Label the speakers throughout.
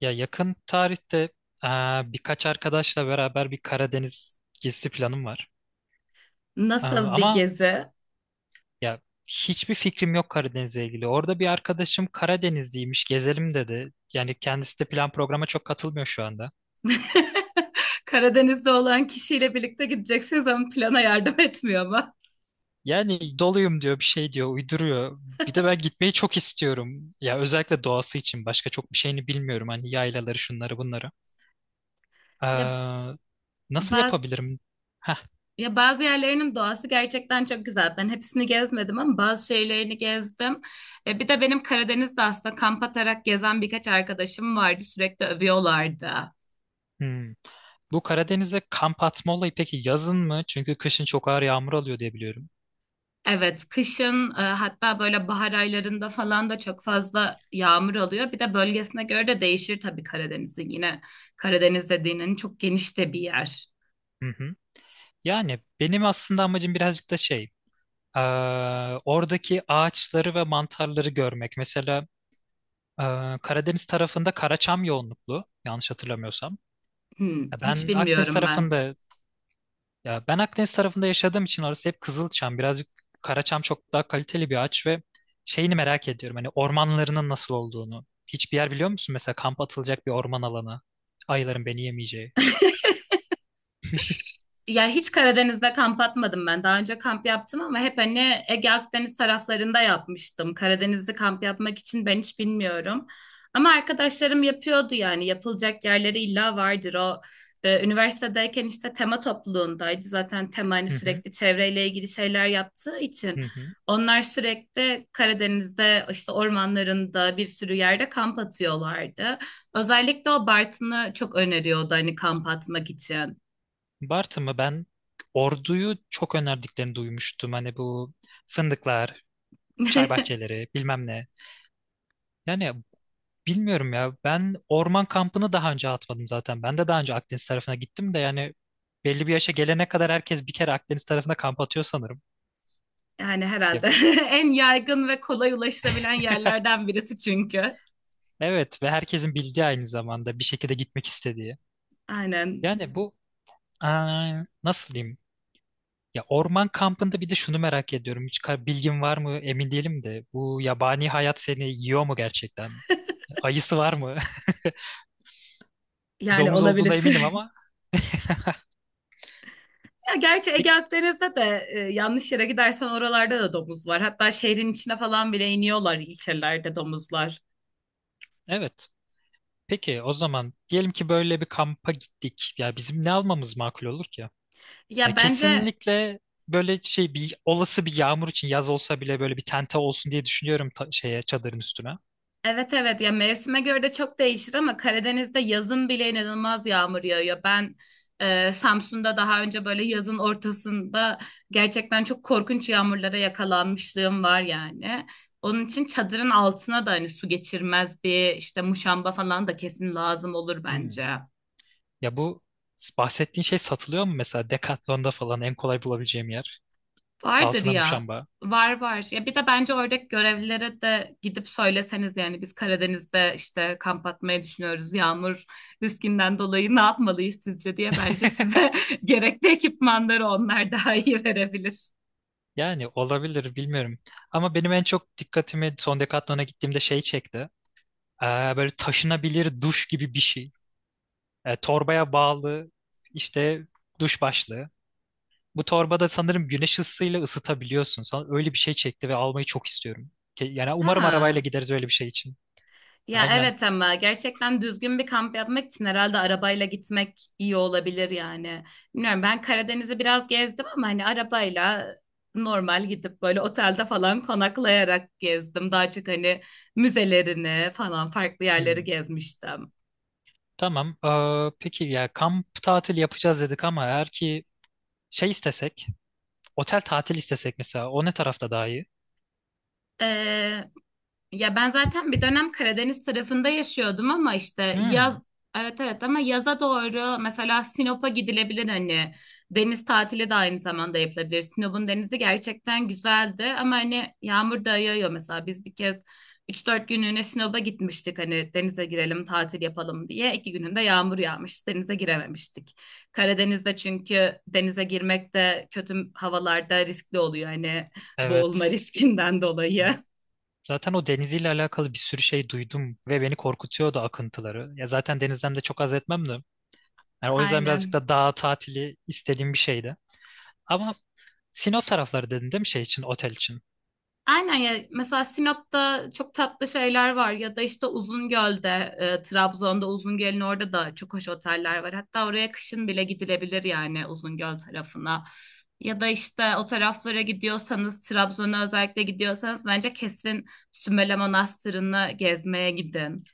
Speaker 1: Ya yakın tarihte birkaç arkadaşla beraber bir Karadeniz gezisi planım var. Eee,
Speaker 2: Nasıl bir
Speaker 1: ama
Speaker 2: gezi?
Speaker 1: ya hiçbir fikrim yok Karadeniz'le ilgili. Orada bir arkadaşım Karadenizliymiş, gezelim dedi. Yani kendisi de plan programa çok katılmıyor şu anda.
Speaker 2: Karadeniz'de olan kişiyle birlikte gideceksiniz ama plana yardım etmiyor mu?
Speaker 1: Yani doluyum diyor, bir şey diyor, uyduruyor. Bir de ben gitmeyi çok istiyorum. Ya özellikle doğası için başka çok bir şeyini bilmiyorum. Hani yaylaları, şunları, bunları.
Speaker 2: Ya
Speaker 1: Eee, Nasıl
Speaker 2: bazı
Speaker 1: yapabilirim? Heh,
Speaker 2: ya bazı yerlerinin doğası gerçekten çok güzel. Ben hepsini gezmedim ama bazı şeylerini gezdim. Bir de benim Karadeniz'de aslında kamp atarak gezen birkaç arkadaşım vardı. Sürekli övüyorlardı.
Speaker 1: hmm. Bu Karadeniz'e kamp atma olayı peki yazın mı? Çünkü kışın çok ağır yağmur alıyor diye biliyorum.
Speaker 2: Evet, kışın hatta böyle bahar aylarında falan da çok fazla yağmur oluyor. Bir de bölgesine göre de değişir tabii Karadeniz'in. Yine Karadeniz dediğinin çok geniş de bir yer.
Speaker 1: Hı hı. Yani benim aslında amacım birazcık da şey, oradaki ağaçları ve mantarları görmek. Mesela Karadeniz tarafında karaçam yoğunluklu, yanlış hatırlamıyorsam.
Speaker 2: Hmm,
Speaker 1: Ya
Speaker 2: hiç
Speaker 1: Ben Akdeniz
Speaker 2: bilmiyorum ben.
Speaker 1: tarafında Ya ben Akdeniz tarafında yaşadığım için orası hep Kızılçam. Birazcık Karaçam çok daha kaliteli bir ağaç ve şeyini merak ediyorum. Hani ormanlarının nasıl olduğunu. Hiçbir yer biliyor musun? Mesela kamp atılacak bir orman alanı. Ayıların beni yemeyeceği.
Speaker 2: Ya hiç Karadeniz'de kamp atmadım ben. Daha önce kamp yaptım ama hep hani Ege Akdeniz taraflarında yapmıştım. Karadeniz'de kamp yapmak için ben hiç bilmiyorum. Ama arkadaşlarım yapıyordu yani yapılacak yerleri illa vardır. O üniversitedeyken işte tema topluluğundaydı. Zaten tema hani
Speaker 1: Hı hı,
Speaker 2: sürekli çevreyle ilgili şeyler yaptığı için
Speaker 1: hı hı.
Speaker 2: onlar sürekli Karadeniz'de işte ormanlarında bir sürü yerde kamp atıyorlardı. Özellikle o Bartın'ı çok öneriyordu hani kamp atmak için.
Speaker 1: Bartın mı? Ben Ordu'yu çok önerdiklerini duymuştum. Hani bu fındıklar, çay bahçeleri, bilmem ne. Yani Bilmiyorum ya. Ben orman kampını daha önce atmadım zaten. Ben de daha önce Akdeniz tarafına gittim de yani belli bir yaşa gelene kadar herkes bir kere Akdeniz tarafına kamp atıyor sanırım.
Speaker 2: Yani
Speaker 1: Ya,
Speaker 2: herhalde en yaygın ve kolay ulaşılabilen yerlerden birisi çünkü.
Speaker 1: evet ve herkesin bildiği aynı zamanda bir şekilde gitmek istediği.
Speaker 2: Aynen.
Speaker 1: Yani bu aa, nasıl diyeyim? Ya orman kampında bir de şunu merak ediyorum. Bilgin var mı emin değilim de. Bu yabani hayat seni yiyor mu gerçekten? Ayısı var mı?
Speaker 2: Yani
Speaker 1: Domuz
Speaker 2: olabilir.
Speaker 1: olduğuna eminim ama.
Speaker 2: Ya gerçi Ege
Speaker 1: Pek-
Speaker 2: Akdeniz'de de yanlış yere gidersen oralarda da domuz var. Hatta şehrin içine falan bile iniyorlar ilçelerde domuzlar.
Speaker 1: Evet. Peki o zaman diyelim ki böyle bir kampa gittik. Ya bizim ne almamız makul olur ki?
Speaker 2: Ya
Speaker 1: Ya
Speaker 2: bence
Speaker 1: kesinlikle böyle şey bir olası bir yağmur için yaz olsa bile böyle bir tente olsun diye düşünüyorum şeye çadırın üstüne.
Speaker 2: evet evet ya mevsime göre de çok değişir ama Karadeniz'de yazın bile inanılmaz yağmur yağıyor. Ben Samsun'da daha önce böyle yazın ortasında gerçekten çok korkunç yağmurlara yakalanmışlığım var yani. Onun için çadırın altına da hani su geçirmez bir işte muşamba falan da kesin lazım olur
Speaker 1: Hmm.
Speaker 2: bence.
Speaker 1: Ya bu bahsettiğin şey satılıyor mu mesela Decathlon'da falan en kolay bulabileceğim yer?
Speaker 2: Vardır
Speaker 1: Altına
Speaker 2: ya.
Speaker 1: muşamba.
Speaker 2: Var var. Ya bir de bence oradaki görevlilere de gidip söyleseniz yani biz Karadeniz'de işte kamp atmayı düşünüyoruz. Yağmur riskinden dolayı ne yapmalıyız sizce diye bence size gerekli ekipmanları onlar daha iyi verebilir.
Speaker 1: Yani olabilir bilmiyorum. Ama benim en çok dikkatimi son Decathlon'a gittiğimde şey çekti. Ee, Böyle taşınabilir duş gibi bir şey. Torbaya bağlı işte duş başlığı. Bu torbada sanırım güneş ısısıyla ısıtabiliyorsun. Sana öyle bir şey çekti ve almayı çok istiyorum. Yani umarım arabayla
Speaker 2: Ha.
Speaker 1: gideriz öyle bir şey için.
Speaker 2: Ya
Speaker 1: Aynen.
Speaker 2: evet ama gerçekten düzgün bir kamp yapmak için herhalde arabayla gitmek iyi olabilir yani. Bilmiyorum ben Karadeniz'i biraz gezdim ama hani arabayla normal gidip böyle otelde falan konaklayarak gezdim. Daha çok hani müzelerini falan farklı yerleri
Speaker 1: Hmm.
Speaker 2: gezmiştim.
Speaker 1: Tamam. Peki ya kamp tatil yapacağız dedik ama eğer ki şey istesek, otel tatil istesek mesela o ne tarafta daha iyi?
Speaker 2: Ee, Ya ben zaten bir dönem Karadeniz tarafında yaşıyordum ama işte yaz
Speaker 1: Hmm,
Speaker 2: evet evet ama yaza doğru mesela Sinop'a gidilebilir hani deniz tatili de aynı zamanda yapılabilir. Sinop'un denizi gerçekten güzeldi ama hani yağmur da yağıyor mesela biz bir kez üç dört günlüğüne Sinop'a gitmiştik hani denize girelim tatil yapalım diye. İki gününde yağmur yağmış denize girememiştik. Karadeniz'de çünkü denize girmek de kötü havalarda riskli oluyor hani boğulma
Speaker 1: evet.
Speaker 2: riskinden dolayı.
Speaker 1: Zaten o deniziyle alakalı bir sürü şey duydum ve beni korkutuyordu akıntıları. Ya zaten denizden de çok haz etmem de. Yani o yüzden birazcık
Speaker 2: Aynen.
Speaker 1: da dağ tatili istediğim bir şeydi. Ama Sinop tarafları dedin değil mi şey için, otel için?
Speaker 2: Aynen ya mesela Sinop'ta çok tatlı şeyler var ya da işte Uzungöl'de Trabzon'da Uzungöl'ün orada da çok hoş oteller var. Hatta oraya kışın bile gidilebilir yani Uzungöl tarafına. Ya da işte o taraflara gidiyorsanız Trabzon'a özellikle gidiyorsanız bence kesin Sümele Manastırı'nı gezmeye gidin.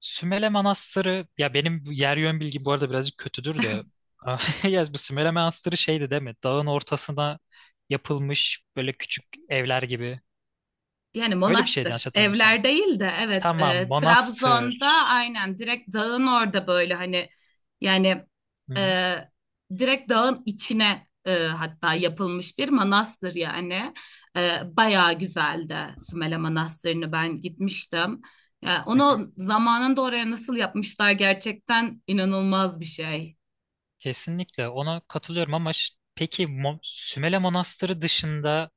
Speaker 1: Sümele Manastırı, ya benim bu yer yön bilgim bu arada birazcık kötüdür de. Ya bu Sümele Manastırı şeydi değil mi? Dağın ortasına yapılmış böyle küçük evler gibi.
Speaker 2: Yani
Speaker 1: Öyle bir şeydi
Speaker 2: monastır,
Speaker 1: yanlış hatırlamıyorsam.
Speaker 2: evler değil de evet
Speaker 1: Tamam, manastır.
Speaker 2: Trabzon'da aynen direkt dağın orada böyle hani yani
Speaker 1: Hı hı.
Speaker 2: e, direkt dağın içine hatta yapılmış bir manastır yani. Bayağı güzeldi Sümele Manastırı'nı ben gitmiştim. Ya onu zamanında oraya nasıl yapmışlar gerçekten inanılmaz bir şey.
Speaker 1: Kesinlikle ona katılıyorum ama peki Sümele Manastırı dışında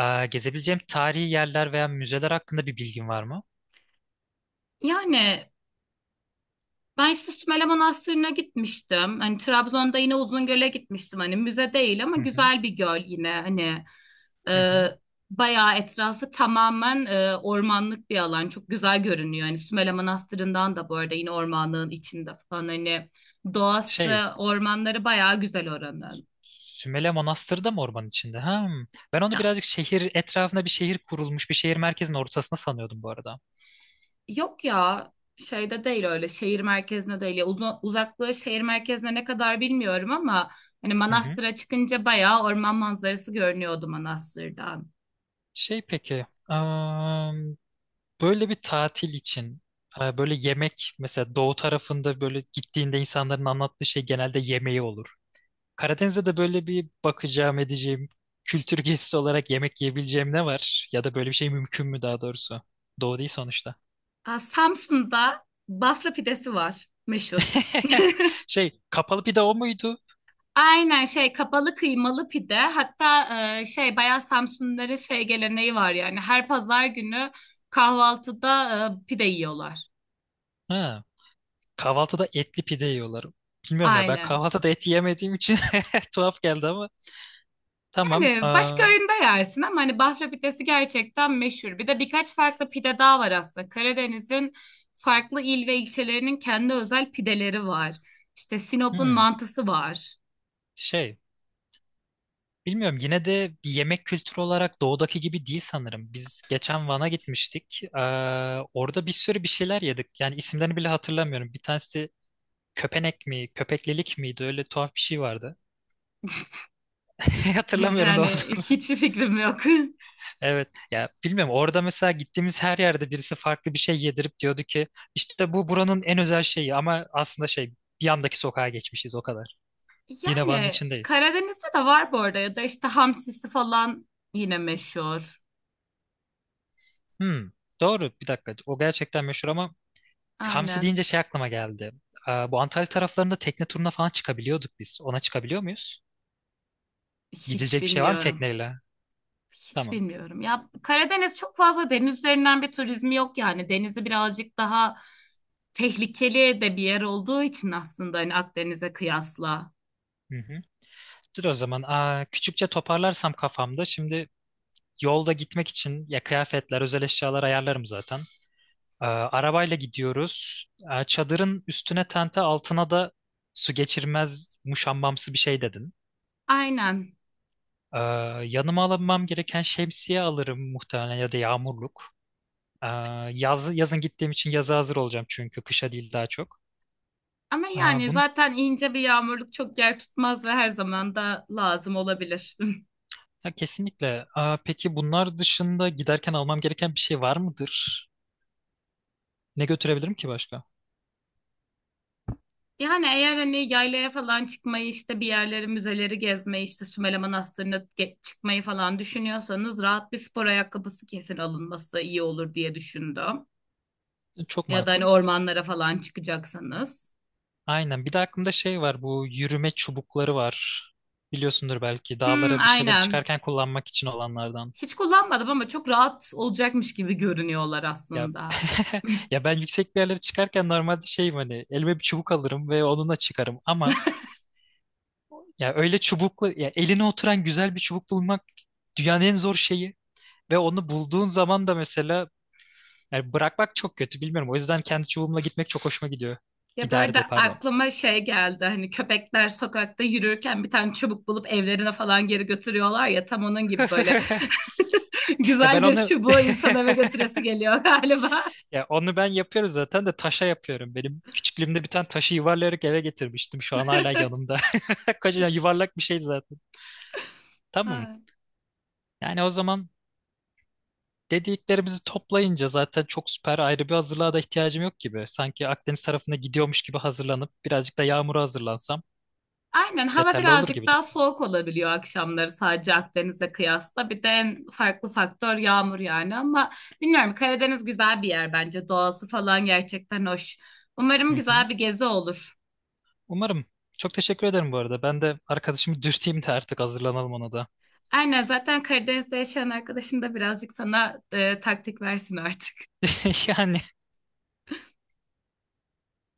Speaker 1: gezebileceğim tarihi yerler veya müzeler hakkında bir bilgin var mı?
Speaker 2: Yani ben işte Sümele Manastırı'na gitmiştim. Hani Trabzon'da yine Uzungöl'e gitmiştim. Hani müze değil ama
Speaker 1: Hı hı,
Speaker 2: güzel bir göl yine. Hani e,
Speaker 1: hı hı.
Speaker 2: bayağı etrafı tamamen ormanlık bir alan. Çok güzel görünüyor. Hani Sümele Manastırı'ndan da bu arada yine ormanlığın içinde falan. Hani doğası,
Speaker 1: Şey,
Speaker 2: ormanları bayağı güzel oranın.
Speaker 1: Sümele Manastırı da mı ormanın içinde? Ha, hmm. Ben onu
Speaker 2: Ya
Speaker 1: birazcık şehir etrafında bir şehir kurulmuş, bir şehir merkezinin ortasında sanıyordum bu arada.
Speaker 2: yok ya şeyde değil öyle şehir merkezine değil ya uzaklığı şehir merkezine ne kadar bilmiyorum ama hani
Speaker 1: Hı hı.
Speaker 2: Manastır'a çıkınca bayağı orman manzarası görünüyordu Manastır'dan.
Speaker 1: Peki, böyle bir tatil için böyle yemek mesela doğu tarafında böyle gittiğinde insanların anlattığı şey genelde yemeği olur. Karadeniz'de de böyle bir bakacağım edeceğim kültür gezisi olarak yemek yiyebileceğim ne var? Ya da böyle bir şey mümkün mü daha doğrusu? Doğu değil sonuçta.
Speaker 2: Aa, Samsun'da Bafra pidesi var meşhur.
Speaker 1: Şey kapalı pide o muydu?
Speaker 2: Aynen şey kapalı kıymalı pide hatta şey bayağı Samsunluların şey geleneği var yani her pazar günü kahvaltıda pide yiyorlar.
Speaker 1: Ha, kahvaltıda etli pide yiyorlar. Bilmiyorum ya ben
Speaker 2: Aynen.
Speaker 1: kahvaltıda et yemediğim için tuhaf geldi ama tamam.
Speaker 2: Yani başka
Speaker 1: Aa,
Speaker 2: öğünde yersin ama hani Bafra pidesi gerçekten meşhur. Bir de birkaç farklı pide daha var aslında. Karadeniz'in farklı il ve ilçelerinin kendi özel pideleri var. İşte Sinop'un
Speaker 1: hmm,
Speaker 2: mantısı var.
Speaker 1: şey bilmiyorum yine de bir yemek kültürü olarak doğudaki gibi değil sanırım. Biz geçen Van'a gitmiştik. Aa, orada bir sürü bir şeyler yedik. Yani isimlerini bile hatırlamıyorum. Bir tanesi köpenek mi, köpeklilik miydi? Öyle tuhaf bir şey vardı. Hatırlamıyorum da
Speaker 2: Yani
Speaker 1: olduğunu.
Speaker 2: hiç fikrim yok.
Speaker 1: Evet. Ya bilmiyorum orada mesela gittiğimiz her yerde birisi farklı bir şey yedirip diyordu ki işte bu buranın en özel şeyi ama aslında şey bir yandaki sokağa geçmişiz o kadar. Yine Van'ın
Speaker 2: Yani
Speaker 1: içindeyiz.
Speaker 2: Karadeniz'de de var bu arada ya da işte hamsisi falan yine meşhur.
Speaker 1: Hmm, doğru bir dakika. O gerçekten meşhur ama hamsi
Speaker 2: Aynen.
Speaker 1: deyince şey aklıma geldi. Aa, bu Antalya taraflarında tekne turuna falan çıkabiliyorduk biz. Ona çıkabiliyor muyuz?
Speaker 2: Hiç
Speaker 1: Gidilecek bir şey var mı
Speaker 2: bilmiyorum.
Speaker 1: tekneyle?
Speaker 2: Hiç
Speaker 1: Tamam.
Speaker 2: bilmiyorum. Ya Karadeniz çok fazla deniz üzerinden bir turizmi yok yani. Denizi birazcık daha tehlikeli de bir yer olduğu için aslında hani Akdeniz'e kıyasla.
Speaker 1: Hı hı. Dur o zaman. Aa, küçükçe toparlarsam kafamda. Şimdi yolda gitmek için ya kıyafetler, özel eşyalar ayarlarım zaten. Arabayla gidiyoruz. Çadırın üstüne tente altına da su geçirmez muşambamsı bir şey dedin.
Speaker 2: Aynen.
Speaker 1: Ee, Yanıma almam gereken şemsiye alırım muhtemelen ya da yağmurluk. Ee, Yazın gittiğim için yaza hazır olacağım çünkü kışa değil daha çok.
Speaker 2: Ama
Speaker 1: Aa,
Speaker 2: yani
Speaker 1: bun,
Speaker 2: zaten ince bir yağmurluk çok yer tutmaz ve her zaman da lazım olabilir.
Speaker 1: Ya kesinlikle. Aa, peki bunlar dışında giderken almam gereken bir şey var mıdır? Ne götürebilirim ki başka?
Speaker 2: Yani eğer hani yaylaya falan çıkmayı işte bir yerleri müzeleri gezmeyi işte Sümele Manastırı'na çıkmayı falan düşünüyorsanız rahat bir spor ayakkabısı kesin alınması iyi olur diye düşündüm.
Speaker 1: Çok
Speaker 2: Ya da hani
Speaker 1: makul.
Speaker 2: ormanlara falan çıkacaksanız.
Speaker 1: Aynen. Bir de aklımda şey var. Bu yürüme çubukları var. Biliyorsundur belki.
Speaker 2: Hmm,
Speaker 1: Dağlara bir şeyler
Speaker 2: aynen.
Speaker 1: çıkarken kullanmak için olanlardan.
Speaker 2: Hiç kullanmadım ama çok rahat olacakmış gibi görünüyorlar
Speaker 1: Ya
Speaker 2: aslında.
Speaker 1: ya ben yüksek bir yerlere çıkarken normalde şeyim hani elime bir çubuk alırım ve onunla çıkarım ama ya öyle çubuklu ya eline oturan güzel bir çubuk bulmak dünyanın en zor şeyi ve onu bulduğun zaman da mesela yani bırakmak çok kötü bilmiyorum. O yüzden kendi çubuğumla gitmek çok hoşuma gidiyor.
Speaker 2: Ya böyle
Speaker 1: Giderdi pardon.
Speaker 2: aklıma şey geldi hani köpekler sokakta yürürken bir tane çubuk bulup evlerine falan geri götürüyorlar ya tam onun gibi böyle
Speaker 1: Ya ben
Speaker 2: güzel bir
Speaker 1: onu
Speaker 2: çubuğu insan eve götüresi geliyor galiba.
Speaker 1: Ya onu ben yapıyorum zaten de taşa yapıyorum. Benim küçüklüğümde bir tane taşı yuvarlayarak eve getirmiştim. Şu an hala yanımda. Kocaman yuvarlak bir şey zaten. Tamam.
Speaker 2: Ay.
Speaker 1: Yani o zaman dediklerimizi toplayınca zaten çok süper ayrı bir hazırlığa da ihtiyacım yok gibi. Sanki Akdeniz tarafına gidiyormuş gibi hazırlanıp birazcık da yağmura hazırlansam
Speaker 2: Aynen hava
Speaker 1: yeterli olur
Speaker 2: birazcık
Speaker 1: gibidir.
Speaker 2: daha soğuk olabiliyor akşamları sadece Akdeniz'e kıyasla. Bir de en farklı faktör yağmur yani ama bilmiyorum Karadeniz güzel bir yer bence. Doğası falan gerçekten hoş. Umarım
Speaker 1: Hı hı.
Speaker 2: güzel bir gezi olur.
Speaker 1: Umarım. Çok teşekkür ederim bu arada. Ben de arkadaşımı dürteyim de artık hazırlanalım ona da.
Speaker 2: Aynen zaten Karadeniz'de yaşayan arkadaşın da birazcık sana taktik versin artık.
Speaker 1: Yani